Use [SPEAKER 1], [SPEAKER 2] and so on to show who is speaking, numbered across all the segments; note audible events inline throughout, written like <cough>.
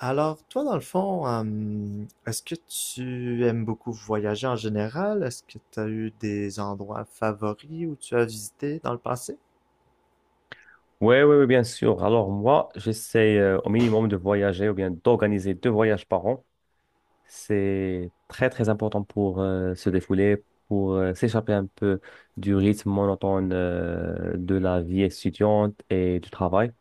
[SPEAKER 1] Alors, toi, dans le fond, est-ce que tu aimes beaucoup voyager en général? Est-ce que tu as eu des endroits favoris où tu as visité dans le passé?
[SPEAKER 2] Oui, oui, oui, bien sûr. Alors moi, j'essaie au minimum de voyager ou bien d'organiser deux voyages par an. C'est très, très important pour se défouler, pour s'échapper un peu du rythme monotone de la vie étudiante et du travail.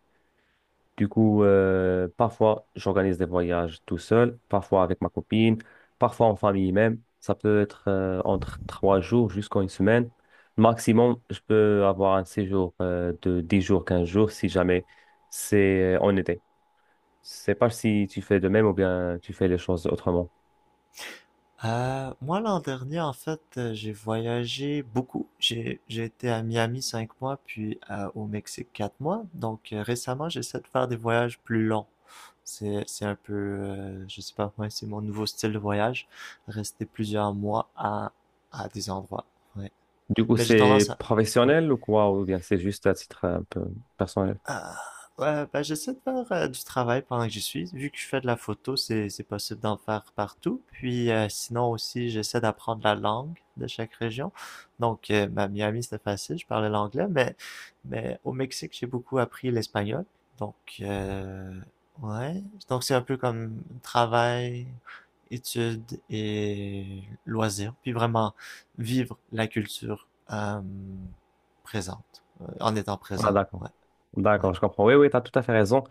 [SPEAKER 2] Du coup, parfois, j'organise des voyages tout seul, parfois avec ma copine, parfois en famille même. Ça peut être entre 3 jours jusqu'à une semaine. Maximum, je peux avoir un séjour de 10 jours, 15 jours si jamais c'est en été. Je sais pas si tu fais de même ou bien tu fais les choses autrement.
[SPEAKER 1] Moi, l'an dernier, en fait, j'ai voyagé beaucoup. J'ai été à Miami 5 mois, puis au Mexique 4 mois. Donc, récemment, j'essaie de faire des voyages plus longs. C'est un peu, je sais pas, moi, c'est mon nouveau style de voyage. Rester plusieurs mois à des endroits. Ouais.
[SPEAKER 2] Du coup,
[SPEAKER 1] Mais j'ai tendance
[SPEAKER 2] c'est
[SPEAKER 1] à, oui.
[SPEAKER 2] professionnel ou quoi? Ou bien c'est juste à titre un peu personnel?
[SPEAKER 1] Ah, ouais, ben j'essaie de faire du travail pendant que j'y suis. Vu que je fais de la photo, c'est possible d'en faire partout. Puis sinon aussi, j'essaie d'apprendre la langue de chaque région. Donc, ben, Miami, c'était facile, je parlais l'anglais, mais au Mexique, j'ai beaucoup appris l'espagnol. Donc, euh, ouais. Donc, c'est un peu comme travail, études et loisirs. Puis vraiment vivre la culture euh, présente, en étant
[SPEAKER 2] Ah,
[SPEAKER 1] présent.
[SPEAKER 2] d'accord.
[SPEAKER 1] Ouais, ouais.
[SPEAKER 2] D'accord, je comprends. Oui, oui, tu as tout à fait raison.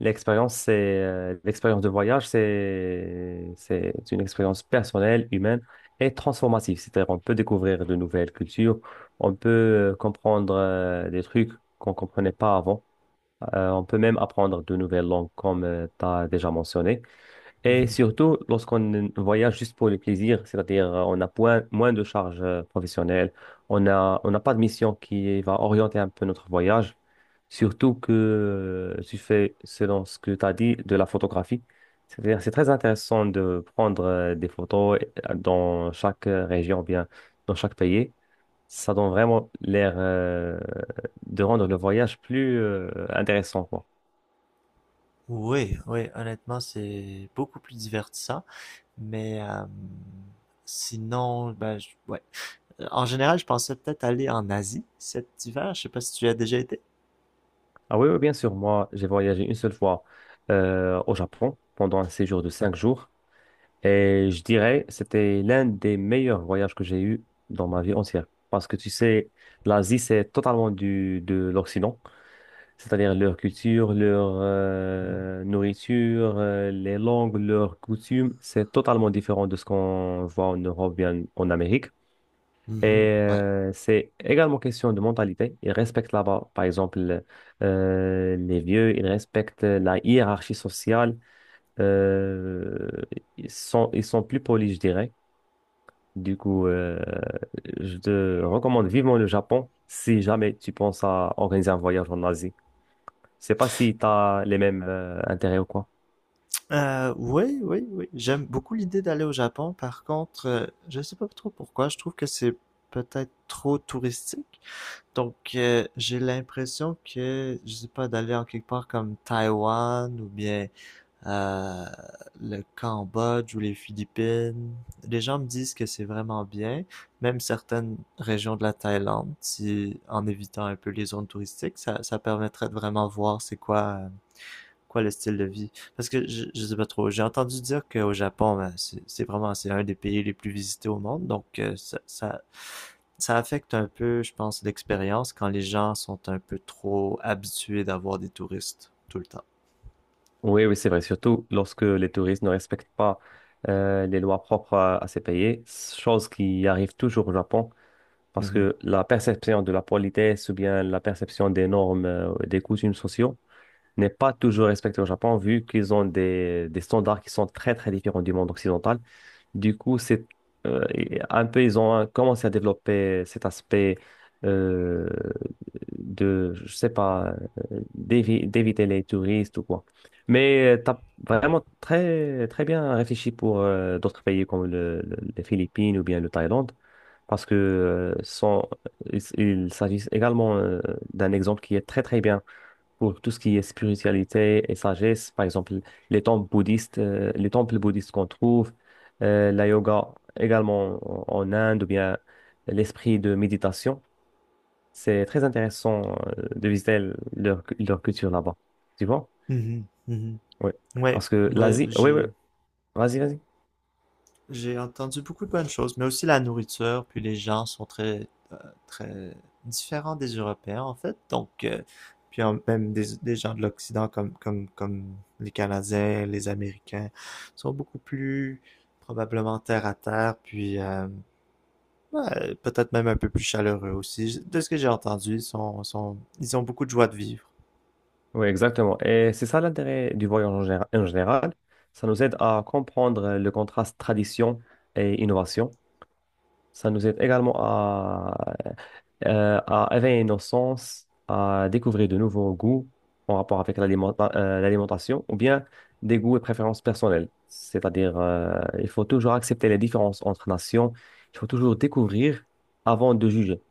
[SPEAKER 2] L'expérience, c'est l'expérience de voyage, c'est une expérience personnelle, humaine et transformative. C'est-à-dire, on peut découvrir de nouvelles cultures, on peut comprendre des trucs qu'on comprenait pas avant. On peut même apprendre de nouvelles langues, comme tu as déjà mentionné. Et
[SPEAKER 1] Mhm.
[SPEAKER 2] surtout, lorsqu'on voyage juste pour le plaisir, c'est-à-dire on a moins de charges professionnelles, on a, on n'a pas de mission qui va orienter un peu notre voyage, surtout que tu fais, selon ce que tu as dit, de la photographie. C'est-à-dire, c'est très intéressant de prendre des photos dans chaque région, ou bien dans chaque pays. Ça donne vraiment l'air de rendre le voyage plus intéressant, quoi.
[SPEAKER 1] Oui, oui, honnêtement, c'est beaucoup plus divertissant. Mais sinon, ben, ouais. En général, je pensais peut-être aller en Asie cet hiver. Je sais pas si tu y as déjà été.
[SPEAKER 2] Ah oui, oui, bien sûr. Moi, j'ai voyagé une seule fois au Japon pendant un séjour de 5 jours. Et je dirais, c'était l'un des meilleurs voyages que j'ai eu dans ma vie entière. Parce que tu sais, l'Asie, c'est totalement du, de l'Occident. C'est-à-dire leur culture, leur nourriture, les langues, leurs coutumes. C'est totalement différent de ce qu'on voit en Europe, bien en Amérique. Et
[SPEAKER 1] Mhm. Ouais.
[SPEAKER 2] c'est également question de mentalité. Ils respectent là-bas, par exemple, les vieux, ils respectent la hiérarchie sociale. Euh, Ils sont, ils sont plus polis, je dirais. Du coup, je te recommande vivement le Japon si jamais tu penses à organiser un voyage en Asie. Je sais pas si tu as les mêmes intérêts ou quoi.
[SPEAKER 1] Oui, oui, oui. J'aime beaucoup l'idée d'aller au Japon. Par contre, je sais pas trop pourquoi. Je trouve que c'est peut-être trop touristique. Donc, j'ai l'impression que, je sais pas, d'aller en quelque part comme Taïwan ou bien euh, le Cambodge ou les Philippines. Les gens me disent que c'est vraiment bien, même certaines régions de la Thaïlande, si en évitant un peu les zones touristiques, ça permettrait de vraiment voir c'est quoi, quoi le style de vie. Parce que je sais pas trop, j'ai entendu dire qu'au Japon, ben, c'est vraiment c'est un des pays les plus visités au monde, donc ça affecte un peu, je pense, l'expérience quand les gens sont un peu trop habitués d'avoir des touristes tout le temps.
[SPEAKER 2] Oui, oui, c'est vrai. Surtout lorsque les touristes ne respectent pas les lois propres à ces pays, chose qui arrive toujours au Japon. Parce
[SPEAKER 1] Mhm.
[SPEAKER 2] que la perception de la politesse ou bien la perception des normes, des coutumes sociaux n'est pas toujours respectée au Japon, vu qu'ils ont des standards qui sont très, très différents du monde occidental. Du coup, c'est et un peu, ils ont commencé à développer cet aspect euh, de, je sais pas, d'éviter les touristes ou quoi. Mais tu as vraiment très, très bien réfléchi pour d'autres pays comme les Philippines ou bien le Thaïlande parce que il s'agit également d'un exemple qui est très très bien pour tout ce qui est spiritualité et sagesse. Par exemple, les temples bouddhistes qu'on trouve, la yoga également en, en Inde ou bien l'esprit de méditation. C'est très intéressant de visiter leur, leur culture là-bas. Tu vois?
[SPEAKER 1] Mhm, mhm.
[SPEAKER 2] Oui.
[SPEAKER 1] Ouais,
[SPEAKER 2] Parce que
[SPEAKER 1] ouais,
[SPEAKER 2] l'Asie, oui, oui,
[SPEAKER 1] j'ai
[SPEAKER 2] vas-y, vas-y.
[SPEAKER 1] j'ai entendu beaucoup de bonnes choses, mais aussi la nourriture, puis les gens sont très très différents des Européens en fait. Donc puis même des gens de l'Occident comme les Canadiens, les Américains sont beaucoup plus probablement terre à terre, puis ouais, peut-être même un peu plus chaleureux aussi. De ce que j'ai entendu, ils sont, sont ils ont beaucoup de joie de vivre.
[SPEAKER 2] Oui, exactement. Et c'est ça l'intérêt du voyage en général. En général. Ça nous aide à comprendre le contraste tradition et innovation. Ça nous aide également à éveiller nos sens, à découvrir de nouveaux goûts en rapport avec l'alimentation ou bien des goûts et préférences personnelles. C'est-à-dire, il faut toujours accepter les différences entre nations. Il faut toujours découvrir avant de juger.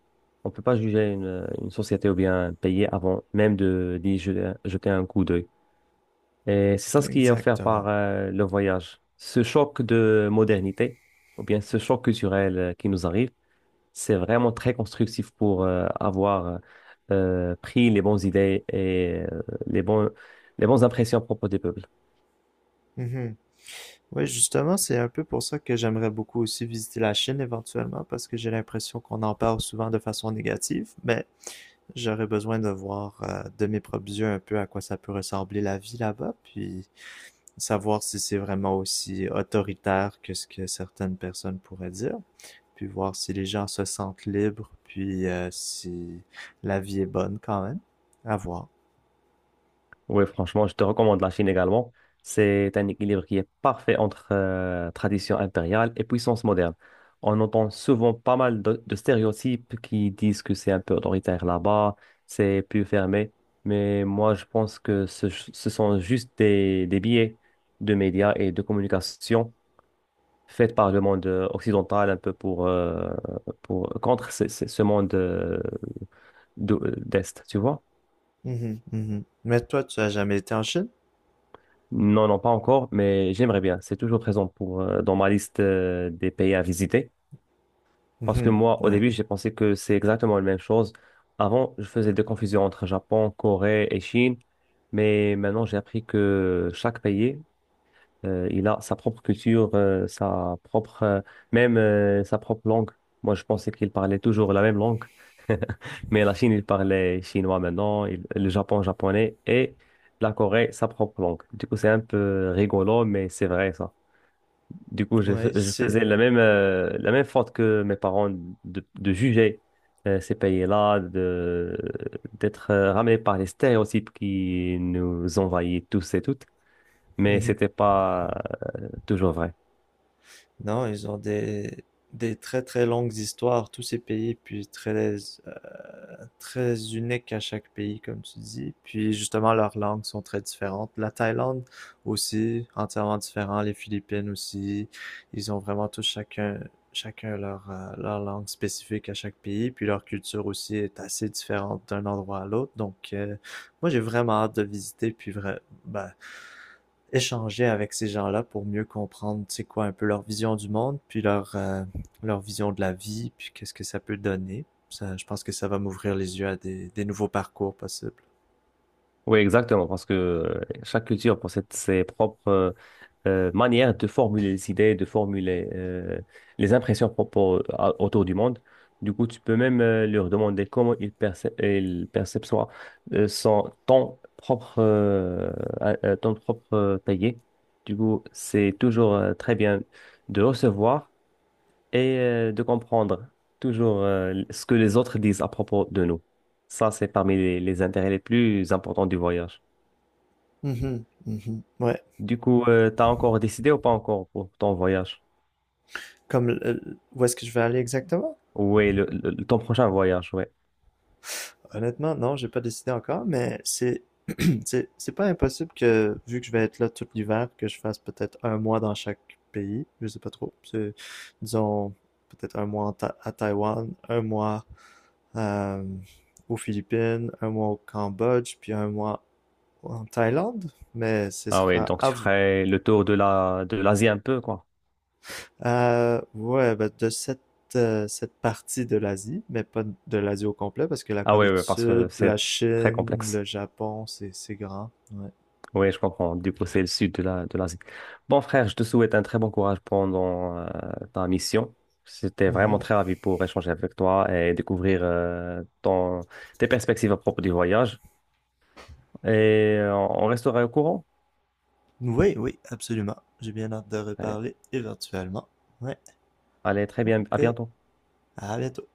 [SPEAKER 2] On ne peut pas juger une société ou bien un pays avant même de d'y jeter, jeter un coup d'œil. Et c'est ça ce qui est offert par
[SPEAKER 1] Exactement.
[SPEAKER 2] le voyage. Ce choc de modernité, ou bien ce choc culturel qui nous arrive, c'est vraiment très constructif pour avoir pris les bonnes idées et les bons, les bonnes impressions à propos des peuples.
[SPEAKER 1] Oui, justement, c'est un peu pour ça que j'aimerais beaucoup aussi visiter la Chine éventuellement, parce que j'ai l'impression qu'on en parle souvent de façon négative, mais j'aurais besoin de voir de mes propres yeux un peu à quoi ça peut ressembler la vie là-bas, puis savoir si c'est vraiment aussi autoritaire que ce que certaines personnes pourraient dire, puis voir si les gens se sentent libres, puis si la vie est bonne quand même. À voir.
[SPEAKER 2] Oui, franchement, je te recommande la Chine également. C'est un équilibre qui est parfait entre tradition impériale et puissance moderne. On entend souvent pas mal de stéréotypes qui disent que c'est un peu autoritaire là-bas, c'est plus fermé. Mais moi, je pense que ce sont juste des biais de médias et de communication faits par le monde occidental un peu pour contre ce, ce monde d'Est, tu vois?
[SPEAKER 1] Mhm, mhm. Mais toi, tu as jamais été en Chine?
[SPEAKER 2] Non, non, pas encore, mais j'aimerais bien. C'est toujours présent pour, dans ma liste, des pays à visiter. Parce que
[SPEAKER 1] Mhm,
[SPEAKER 2] moi, au
[SPEAKER 1] ouais.
[SPEAKER 2] début, j'ai pensé que c'est exactement la même chose. Avant, je faisais des confusions entre Japon, Corée et Chine. Mais maintenant, j'ai appris que chaque pays il a sa propre culture, sa propre, même sa propre langue. Moi, je pensais qu'il parlait toujours la même langue. <laughs> Mais la Chine, il parlait chinois maintenant, le Japon, japonais, et la Corée, sa propre langue. Du coup, c'est un peu rigolo, mais c'est vrai, ça. Du coup,
[SPEAKER 1] Ouais,
[SPEAKER 2] je
[SPEAKER 1] c'est...
[SPEAKER 2] faisais la même faute que mes parents de juger ces pays-là, de, d'être ramenés par les stéréotypes qui nous envahissent tous et toutes mais
[SPEAKER 1] Mhm.
[SPEAKER 2] c'était pas toujours vrai.
[SPEAKER 1] Non, ils ont des très très longues histoires, tous ces pays, puis très uniques à chaque pays, comme tu dis. Puis justement, leurs langues sont très différentes. La Thaïlande aussi, entièrement différent. Les Philippines aussi. Ils ont vraiment tous chacun leur langue spécifique à chaque pays. Puis leur culture aussi est assez différente d'un endroit à l'autre. Donc, moi, j'ai vraiment hâte de visiter, puis ben, échanger avec ces gens-là pour mieux comprendre, c'est quoi, un peu leur vision du monde, puis leur vision de la vie, puis qu'est-ce que ça peut donner. Ça, je pense que ça va m'ouvrir les yeux à des nouveaux parcours possibles.
[SPEAKER 2] Oui, exactement, parce que chaque culture possède ses propres manières de formuler les idées, de formuler les impressions autour du monde. Du coup, tu peux même leur demander comment ils perçoivent euh, son- ton propre, euh, ton propre pays. Du coup, c'est toujours très bien de recevoir et de comprendre toujours ce que les autres disent à propos de nous. Ça, c'est parmi les intérêts les plus importants du voyage.
[SPEAKER 1] Mhm, mhm. Ouais.
[SPEAKER 2] Du coup, t'as encore décidé ou pas encore pour ton voyage?
[SPEAKER 1] Comme, où est-ce que je vais aller exactement?
[SPEAKER 2] Oui, ton prochain voyage, ouais.
[SPEAKER 1] Honnêtement, non, j'ai pas décidé encore, mais c'est pas impossible que, vu que je vais être là tout l'hiver, que je fasse peut-être un mois dans chaque pays. Je sais pas trop. C'est, disons, peut-être un mois en à Taïwan, un mois euh, aux Philippines, un mois au Cambodge, puis un mois en Thaïlande. Mais ce
[SPEAKER 2] Ah oui,
[SPEAKER 1] sera
[SPEAKER 2] donc
[SPEAKER 1] à
[SPEAKER 2] tu
[SPEAKER 1] vous.
[SPEAKER 2] ferais le tour de la, de l'Asie un peu, quoi.
[SPEAKER 1] Ouais, ben, de cette partie de l'Asie, mais pas de l'Asie au complet, parce que la
[SPEAKER 2] Ah oui,
[SPEAKER 1] Corée du
[SPEAKER 2] oui, parce que
[SPEAKER 1] Sud, la
[SPEAKER 2] c'est très
[SPEAKER 1] Chine, le
[SPEAKER 2] complexe.
[SPEAKER 1] Japon, c'est grand. Ouais.
[SPEAKER 2] Oui, je comprends. Du coup, c'est le sud de la, de l'Asie. Bon, frère, je te souhaite un très bon courage pendant ta mission. C'était vraiment
[SPEAKER 1] Mhm.
[SPEAKER 2] très ravi pour échanger avec toi et découvrir ton, tes perspectives à propos du voyage. Et on restera au courant.
[SPEAKER 1] Oui, oui, absolument. J'ai bien hâte de
[SPEAKER 2] Très bien.
[SPEAKER 1] reparler éventuellement. Ouais.
[SPEAKER 2] Allez, très bien. À
[SPEAKER 1] OK.
[SPEAKER 2] bientôt.
[SPEAKER 1] À bientôt.